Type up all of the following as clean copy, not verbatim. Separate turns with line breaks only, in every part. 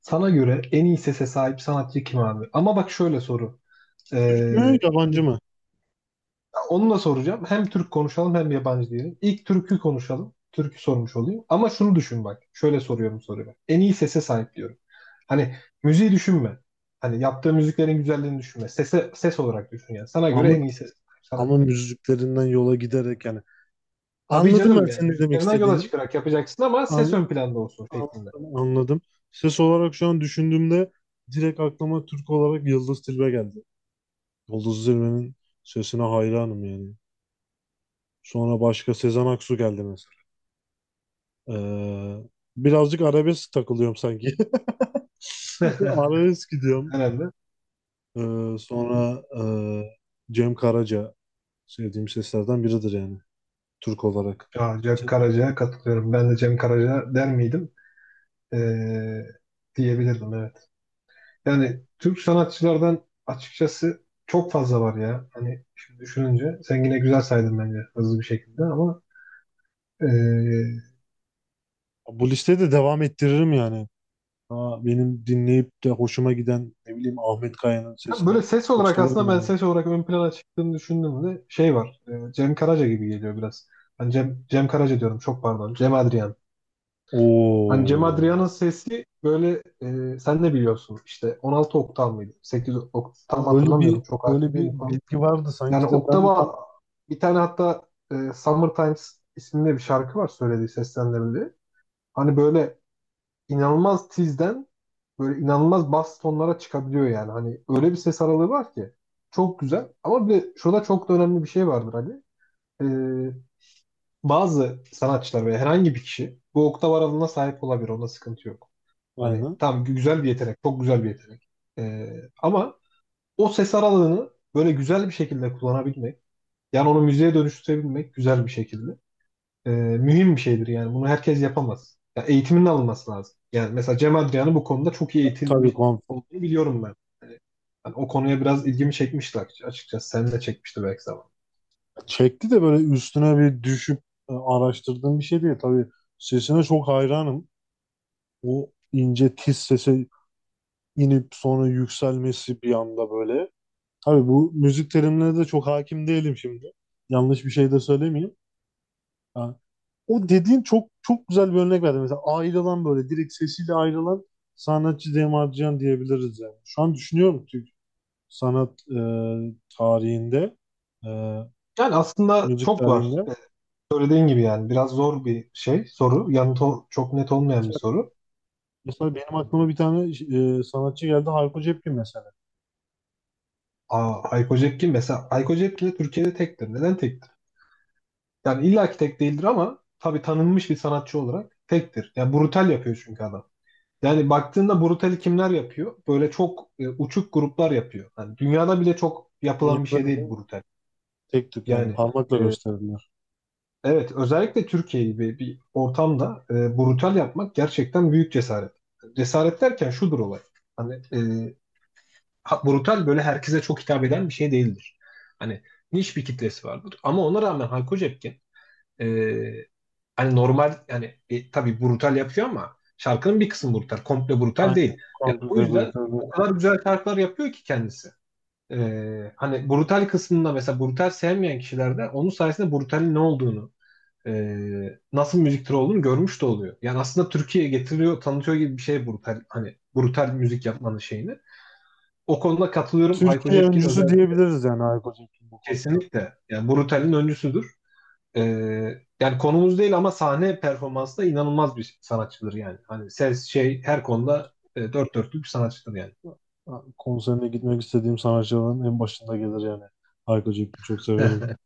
Sana göre en iyi sese sahip sanatçı kim abi? Ama bak şöyle soru.
Mü
Ee,
yabancı
hani
mı?
onu da soracağım. Hem Türk konuşalım hem yabancı diyelim. İlk türkü konuşalım. Türkü sormuş olayım. Ama şunu düşün bak. Şöyle soruyorum soruyu. En iyi sese sahip diyorum. Hani müziği düşünme. Hani yaptığı müziklerin güzelliğini düşünme. Sese, ses olarak düşün yani. Sana göre
Ama
en iyi sese sahip
ama
sanatçı.
müziklerinden yola giderek yani.
Tabii
Anladım ben
canım yani
senin ne demek
müziklerinden yola
istediğini.
çıkarak yapacaksın ama ses
An,
ön planda olsun şeklinde.
Anladım, anladım. Ses olarak şu an düşündüğümde direkt aklıma Türk olarak Yıldız Tilbe geldi. Yıldız Tilbe'nin sesine hayranım yani. Sonra başka Sezen Aksu geldi mesela. Ee, Birazcık arabesk takılıyorum sanki. Arabesk gidiyorum.
Herhalde.
Sonra Cem Karaca sevdiğim seslerden biridir yani Türk olarak.
Ya, Cem Karaca'ya katılıyorum. Ben de Cem Karaca der miydim? Ee, Diyebilirdim evet. Yani Türk sanatçılardan açıkçası çok fazla var ya. Hani şimdi düşününce sen yine güzel saydın bence hızlı bir şekilde ama ee,
Bu listeyi de devam ettiririm yani. Daha benim dinleyip de hoşuma giden ne bileyim Ahmet Kaya'nın
ya böyle
sesini
ses
çok
olarak
severim
aslında ben
yani.
ses olarak ön plana çıktığını düşündüğümde şey var. Cem Karaca gibi geliyor biraz. Hani Cem Karaca diyorum çok pardon. Cem Adrian. Hani Cem Adrian'ın
Oo.
sesi böyle sen ne biliyorsun işte 16 oktav mıydı? 8 oktav mı
Hani öyle bir
hatırlamıyorum çok hakim
öyle bir
değilim falan.
bilgi vardı sanki
Yani
de ben de tam
oktava bir tane hatta Summer Times isimli bir şarkı var söylediği seslendirildiği. Hani böyle inanılmaz tizden böyle inanılmaz bas tonlara çıkabiliyor yani. Hani öyle bir ses aralığı var ki çok güzel. Ama bir de şurada çok da önemli bir şey vardır Ali. E, Bazı sanatçılar veya herhangi bir kişi bu oktav aralığına sahip olabilir. Onda sıkıntı yok. Hani
aynı.
tam güzel bir yetenek, çok güzel bir yetenek. E, ama o ses aralığını böyle güzel bir şekilde kullanabilmek yani onu müzeye dönüştürebilmek güzel bir şekilde. Mühim bir şeydir yani. Bunu herkes yapamaz. Ya eğitiminin alınması lazım. Yani mesela Cem Adrian'ın bu konuda çok iyi
Tabii
eğitilmiş
kon
olduğunu biliyorum ben. Yani o konuya biraz ilgimi çekmişti açıkçası. Sen de çekmişti belki zaman.
çekti de böyle üstüne bir düşüp araştırdığım bir şey değil. Tabii sesine çok hayranım. O ince tiz sese inip sonra yükselmesi bir anda böyle. Tabii bu müzik terimlerine de çok hakim değilim şimdi. Yanlış bir şey de söylemeyeyim. Ha, O dediğin çok çok güzel bir örnek verdi. Mesela ayrılan böyle direkt sesiyle ayrılan sanatçı Cem Adrian diyebiliriz yani. Şu an düşünüyorum Türk sanat tarihinde, e,
Yani aslında
müzik
çok var.
tarihinde.
Söylediğin gibi yani biraz zor bir şey, soru. Yanıtı çok net olmayan bir soru.
Mesela benim aklıma bir tane sanatçı geldi Hayko Cepkin mesela.
Aa, Hayko Cepkin mesela Hayko Cepkin de Türkiye'de tektir. Neden tektir? Yani illaki tek değildir ama tabii tanınmış bir sanatçı olarak tektir. Yani brutal yapıyor çünkü adam. Yani baktığında brutali kimler yapıyor? Böyle çok uçuk gruplar yapıyor. Yani dünyada bile çok yapılan bir
Dünyada
şey değil
bile
brutal.
tek tük yani
Yani
parmakla
e,
gösterdiler.
evet özellikle Türkiye gibi bir ortamda brutal yapmak gerçekten büyük cesaret. Cesaret derken şudur olay. Hani brutal böyle herkese çok hitap eden bir şey değildir. Hani niş bir kitlesi vardır. Ama ona rağmen Hayko Cepkin e, hani normal yani tabii brutal yapıyor ama şarkının bir kısmı brutal. Komple brutal
Aynen.
değil. Yani o
Kongreyle
yüzden
birlikte.
o kadar güzel şarkılar yapıyor ki kendisi. Hani brutal kısmında mesela brutal sevmeyen kişiler de onun sayesinde brutalin ne olduğunu, nasıl müzik türü olduğunu görmüş de oluyor. Yani aslında Türkiye'ye getiriyor, tanıtıyor gibi bir şey brutal. Hani brutal müzik yapmanın şeyini. O konuda katılıyorum. Hayko
Türkiye
Cepkin
öncüsü
özellikle
diyebiliriz yani Hayko Cepkin bu konuda.
kesinlikle. Yani Brutal'in öncüsüdür. Ee, Yani konumuz değil ama sahne performansı da inanılmaz bir sanatçıdır yani. Hani ses şey her konuda dört dörtlük bir sanatçıdır yani.
Konserine gitmek istediğim sanatçıların en başında gelir yani. Hayko Cepkin'i çok severim.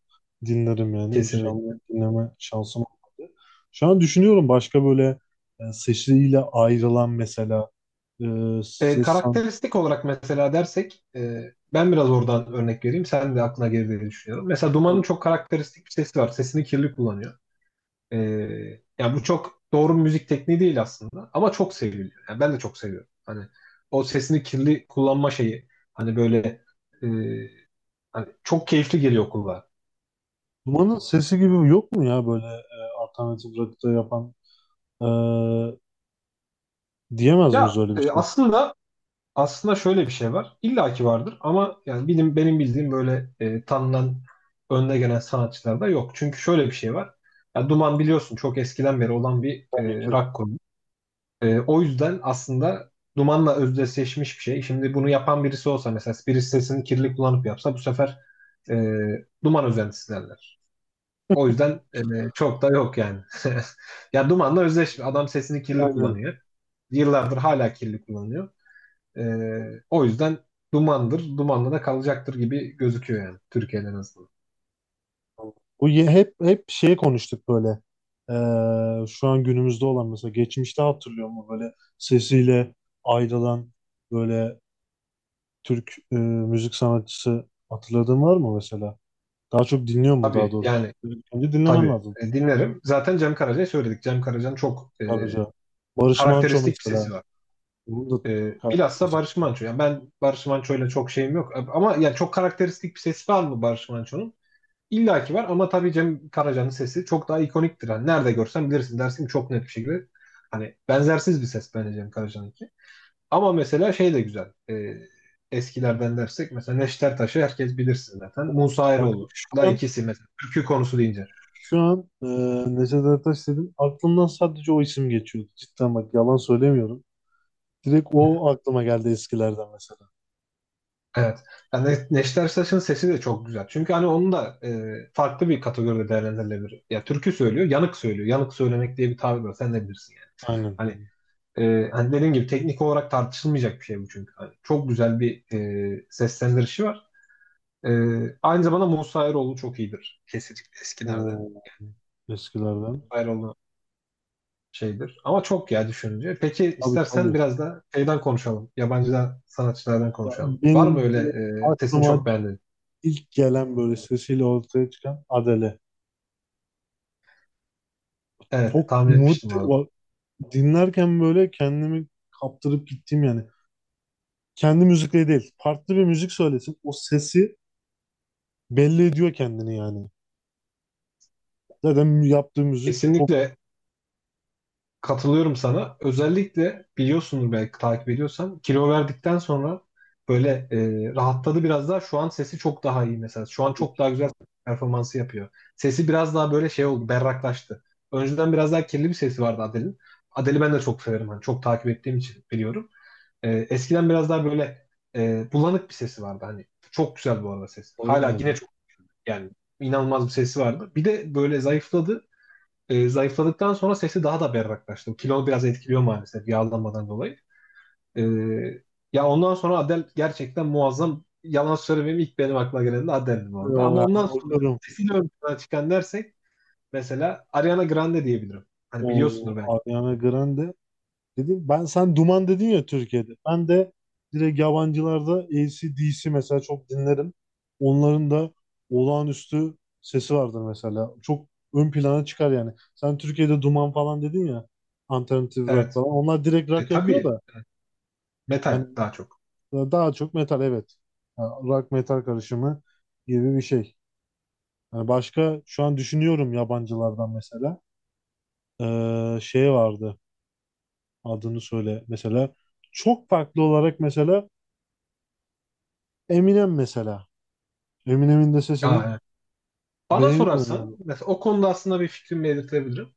Dinlerim yani.
Kesinlikle.
İnşallah dinleme şansım olmadı. Şu an düşünüyorum başka böyle sesiyle ayrılan mesela e, ses san-.
Karakteristik olarak mesela dersek ben biraz oradan örnek vereyim. Sen de aklına gelir diye düşünüyorum. Mesela Duman'ın
Tabii.
çok karakteristik bir sesi var. Sesini kirli kullanıyor. Ee, Yani bu çok doğru bir müzik tekniği değil aslında ama çok seviliyor. Yani ben de çok seviyorum. Hani o sesini kirli kullanma şeyi hani böyle e, hani çok keyifli geliyor kulağa.
Duman'ın sesi gibi yok mu ya böyle alternatif rock'ta yapan e, diyemez miyiz
Ya
öyle bir şey?
aslında şöyle bir şey var. İlla ki vardır ama yani benim bildiğim böyle tanınan önde gelen sanatçılar da yok. Çünkü şöyle bir şey var. Ya Duman biliyorsun çok eskiden beri olan bir
Tabii ki.
rock. O yüzden aslında dumanla özdeşleşmiş bir şey. Şimdi bunu yapan birisi olsa mesela birisi sesini kirli kullanıp yapsa bu sefer e, duman özentisi derler. O yüzden çok da yok yani. Ya dumanla özdeş adam sesini kirli
Aynen.
kullanıyor. Yıllardır hala kirli kullanıyor. E, O yüzden dumandır, dumanla da kalacaktır gibi gözüküyor yani Türkiye'de en azından.
Bu ye- hep şey konuştuk böyle. E, şu an günümüzde olan mesela geçmişte hatırlıyor mu böyle sesiyle ayrılan böyle Türk müzik sanatçısı hatırladığın var mı mesela? Daha çok dinliyor mu daha
Tabii
doğrusu?
yani
Önce dinlemen
tabii.
lazım
Dinlerim. Zaten Cem Karaca'yı söyledik. Cem Karaca'nın çok
Karaca. Barış Manço
karakteristik bir sesi
mesela.
var.
Bunun da
Bilhassa
kardeşi.
Barış Manço. Yani ben Barış Manço'yla çok şeyim yok. Ama yani çok karakteristik bir sesi var mı Barış Manço'nun? İlla ki var ama tabii Cem Karaca'nın sesi çok daha ikoniktir. Yani nerede görsen bilirsin dersin ki çok net bir şekilde. Hani benzersiz bir ses bence Cem Karaca'nınki. Ama mesela şey de güzel. Eskilerden dersek mesela Neşter Taş'ı herkes bilirsin zaten. Musa
Bak
Eroğlu.
şu
Da
an
ikisi mesela. Türkü konusu deyince.
şu an e, Neşet Ertaş dedim. Aklımdan sadece o isim geçiyordu. Cidden bak yalan söylemiyorum. Direkt o aklıma geldi eskilerden mesela.
Evet. Yani Neşter Saç'ın sesi de çok güzel. Çünkü hani onun da farklı bir kategoride değerlendirilebilir. Ya türkü söylüyor, yanık söylüyor. Yanık söylemek diye bir tabir var. Sen de bilirsin yani.
Aynen.
Hani, hani dediğim gibi teknik olarak tartışılmayacak bir şey bu çünkü. Hani çok güzel bir seslendirişi var. E, Aynı zamanda Musa Eroğlu çok iyidir. Kesinlikle eskilerde.
O eskilerden.
Eroğlu şeydir. Ama çok ya düşününce. Peki
Tabii,
istersen
tabii.
biraz da şeyden konuşalım. Yabancı sanatçılardan
Ya
konuşalım. Var mı
benim
öyle
direkt
sesini
aklıma
çok beğendin?
ilk gelen böyle sesiyle ortaya çıkan Adele.
Evet,
Çok
tahmin
umut
etmiştim orada.
dinlerken böyle kendimi kaptırıp gittim yani. Kendi müzikleri değil. Farklı bir müzik söylesin. O sesi belli ediyor kendini yani. Zaten yaptığı müzik çok
Kesinlikle katılıyorum sana. Özellikle biliyorsundur belki takip ediyorsan kilo verdikten sonra böyle rahatladı biraz daha. Şu an sesi çok daha iyi mesela. Şu an çok daha güzel performansı yapıyor. Sesi biraz daha böyle şey oldu, berraklaştı. Önceden biraz daha kirli bir sesi vardı Adele'in. Adele'i ben de çok severim. Hani çok takip ettiğim için biliyorum. Eskiden biraz daha böyle bulanık bir sesi vardı. Hani çok güzel bu arada ses. Hala yine
yani.
çok yani inanılmaz bir sesi vardı. Bir de böyle zayıfladı. Zayıfladıktan sonra sesi daha da berraklaştı. Kilo biraz etkiliyor maalesef yağlanmadan dolayı. E, Ya ondan sonra Adele gerçekten muazzam. Yalan söylemeyeyim ilk benim aklıma gelen de Adele'di bu arada.
O,
Ama ondan sonra
yani,
sesiyle ön plana çıkan dersek mesela Ariana Grande diyebilirim. Hani
o
biliyorsundur belki.
Ariana Grande dedim. Ben sen Duman dedin ya Türkiye'de. Ben de direkt yabancılarda AC/DC mesela çok dinlerim. Onların da olağanüstü sesi vardır mesela. Çok ön plana çıkar yani. Sen Türkiye'de Duman falan dedin ya. Alternatif rock
Evet.
falan. Onlar direkt rock yapıyor
Tabii
da. Yani
metal daha çok.
daha çok metal, evet. Yani rock metal karışımı gibi bir şey. Yani başka şu an düşünüyorum yabancılardan mesela. Şey vardı adını söyle. Mesela çok farklı olarak mesela Eminem mesela. Eminem'in de
Aa,
sesini
evet. Bana
beğeniyorum
sorarsan
yani.
mesela o konuda aslında bir fikrimi belirtebilirim.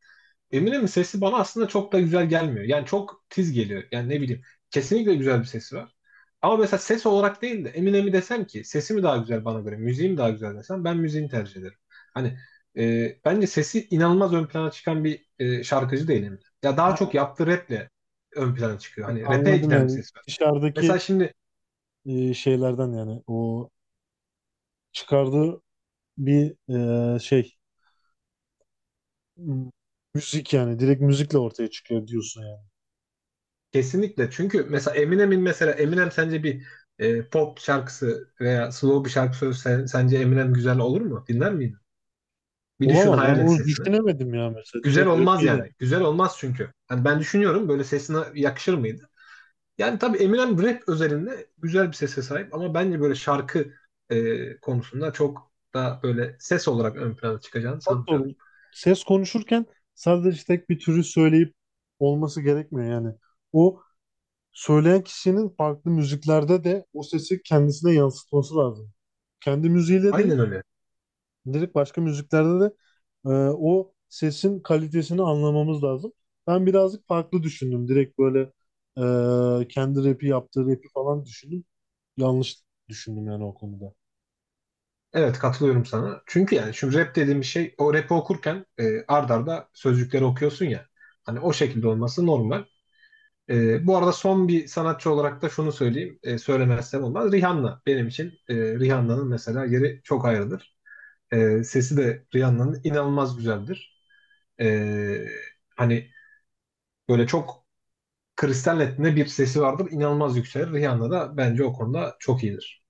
Eminem'in sesi bana aslında çok da güzel gelmiyor. Yani çok tiz geliyor. Yani ne bileyim. Kesinlikle güzel bir sesi var. Ama mesela ses olarak değil de Eminem'i desem ki sesi mi daha güzel bana göre, müziği mi daha güzel desem ben müziğini tercih ederim. Hani bence sesi inanılmaz ön plana çıkan bir şarkıcı değil Eminem. Ya daha çok
Ha,
yaptığı raple ön plana çıkıyor. Hani rap'e
Anladım
giden bir
yani.
ses var. Mesela
Dışarıdaki
şimdi
şeylerden yani o çıkardığı bir e, şey m- müzik yani direkt müzikle ortaya çıkıyor diyorsun yani.
kesinlikle çünkü mesela Eminem sence bir pop şarkısı veya slow bir şarkı söylese sence Eminem güzel olur mu? Dinler miydin? Bir düşün
Olamaz, ben
hayal et
onu
sesini.
düşünemedim ya, mesela
Güzel
direkt
olmaz
rapiyle.
yani. Güzel olmaz çünkü. Hani ben düşünüyorum böyle sesine yakışır mıydı? Yani tabii Eminem rap özelinde güzel bir sese sahip ama bence böyle şarkı konusunda çok da böyle ses olarak ön plana çıkacağını
Çok doğru.
sanmıyorum.
Ses konuşurken sadece tek bir türü söyleyip olması gerekmiyor yani. O söyleyen kişinin farklı müziklerde de o sesi kendisine yansıtması lazım. Kendi müziğiyle değil,
Aynen öyle.
direkt başka müziklerde de o sesin kalitesini anlamamız lazım. Ben birazcık farklı düşündüm. Direkt böyle kendi rapi yaptığı rapi falan düşündüm. Yanlış düşündüm yani o konuda.
Evet katılıyorum sana. Çünkü yani şimdi rap dediğim şey o rapi okurken ard arda sözcükleri okuyorsun ya. Hani o şekilde olması normal. Bu arada son bir sanatçı olarak da şunu söyleyeyim. Söylemezsem olmaz. Rihanna benim için Rihanna'nın mesela yeri çok ayrıdır. Sesi de Rihanna'nın inanılmaz güzeldir. E, hani böyle çok Kristal Net'inde bir sesi vardır. İnanılmaz yükselir. Rihanna da bence o konuda çok iyidir.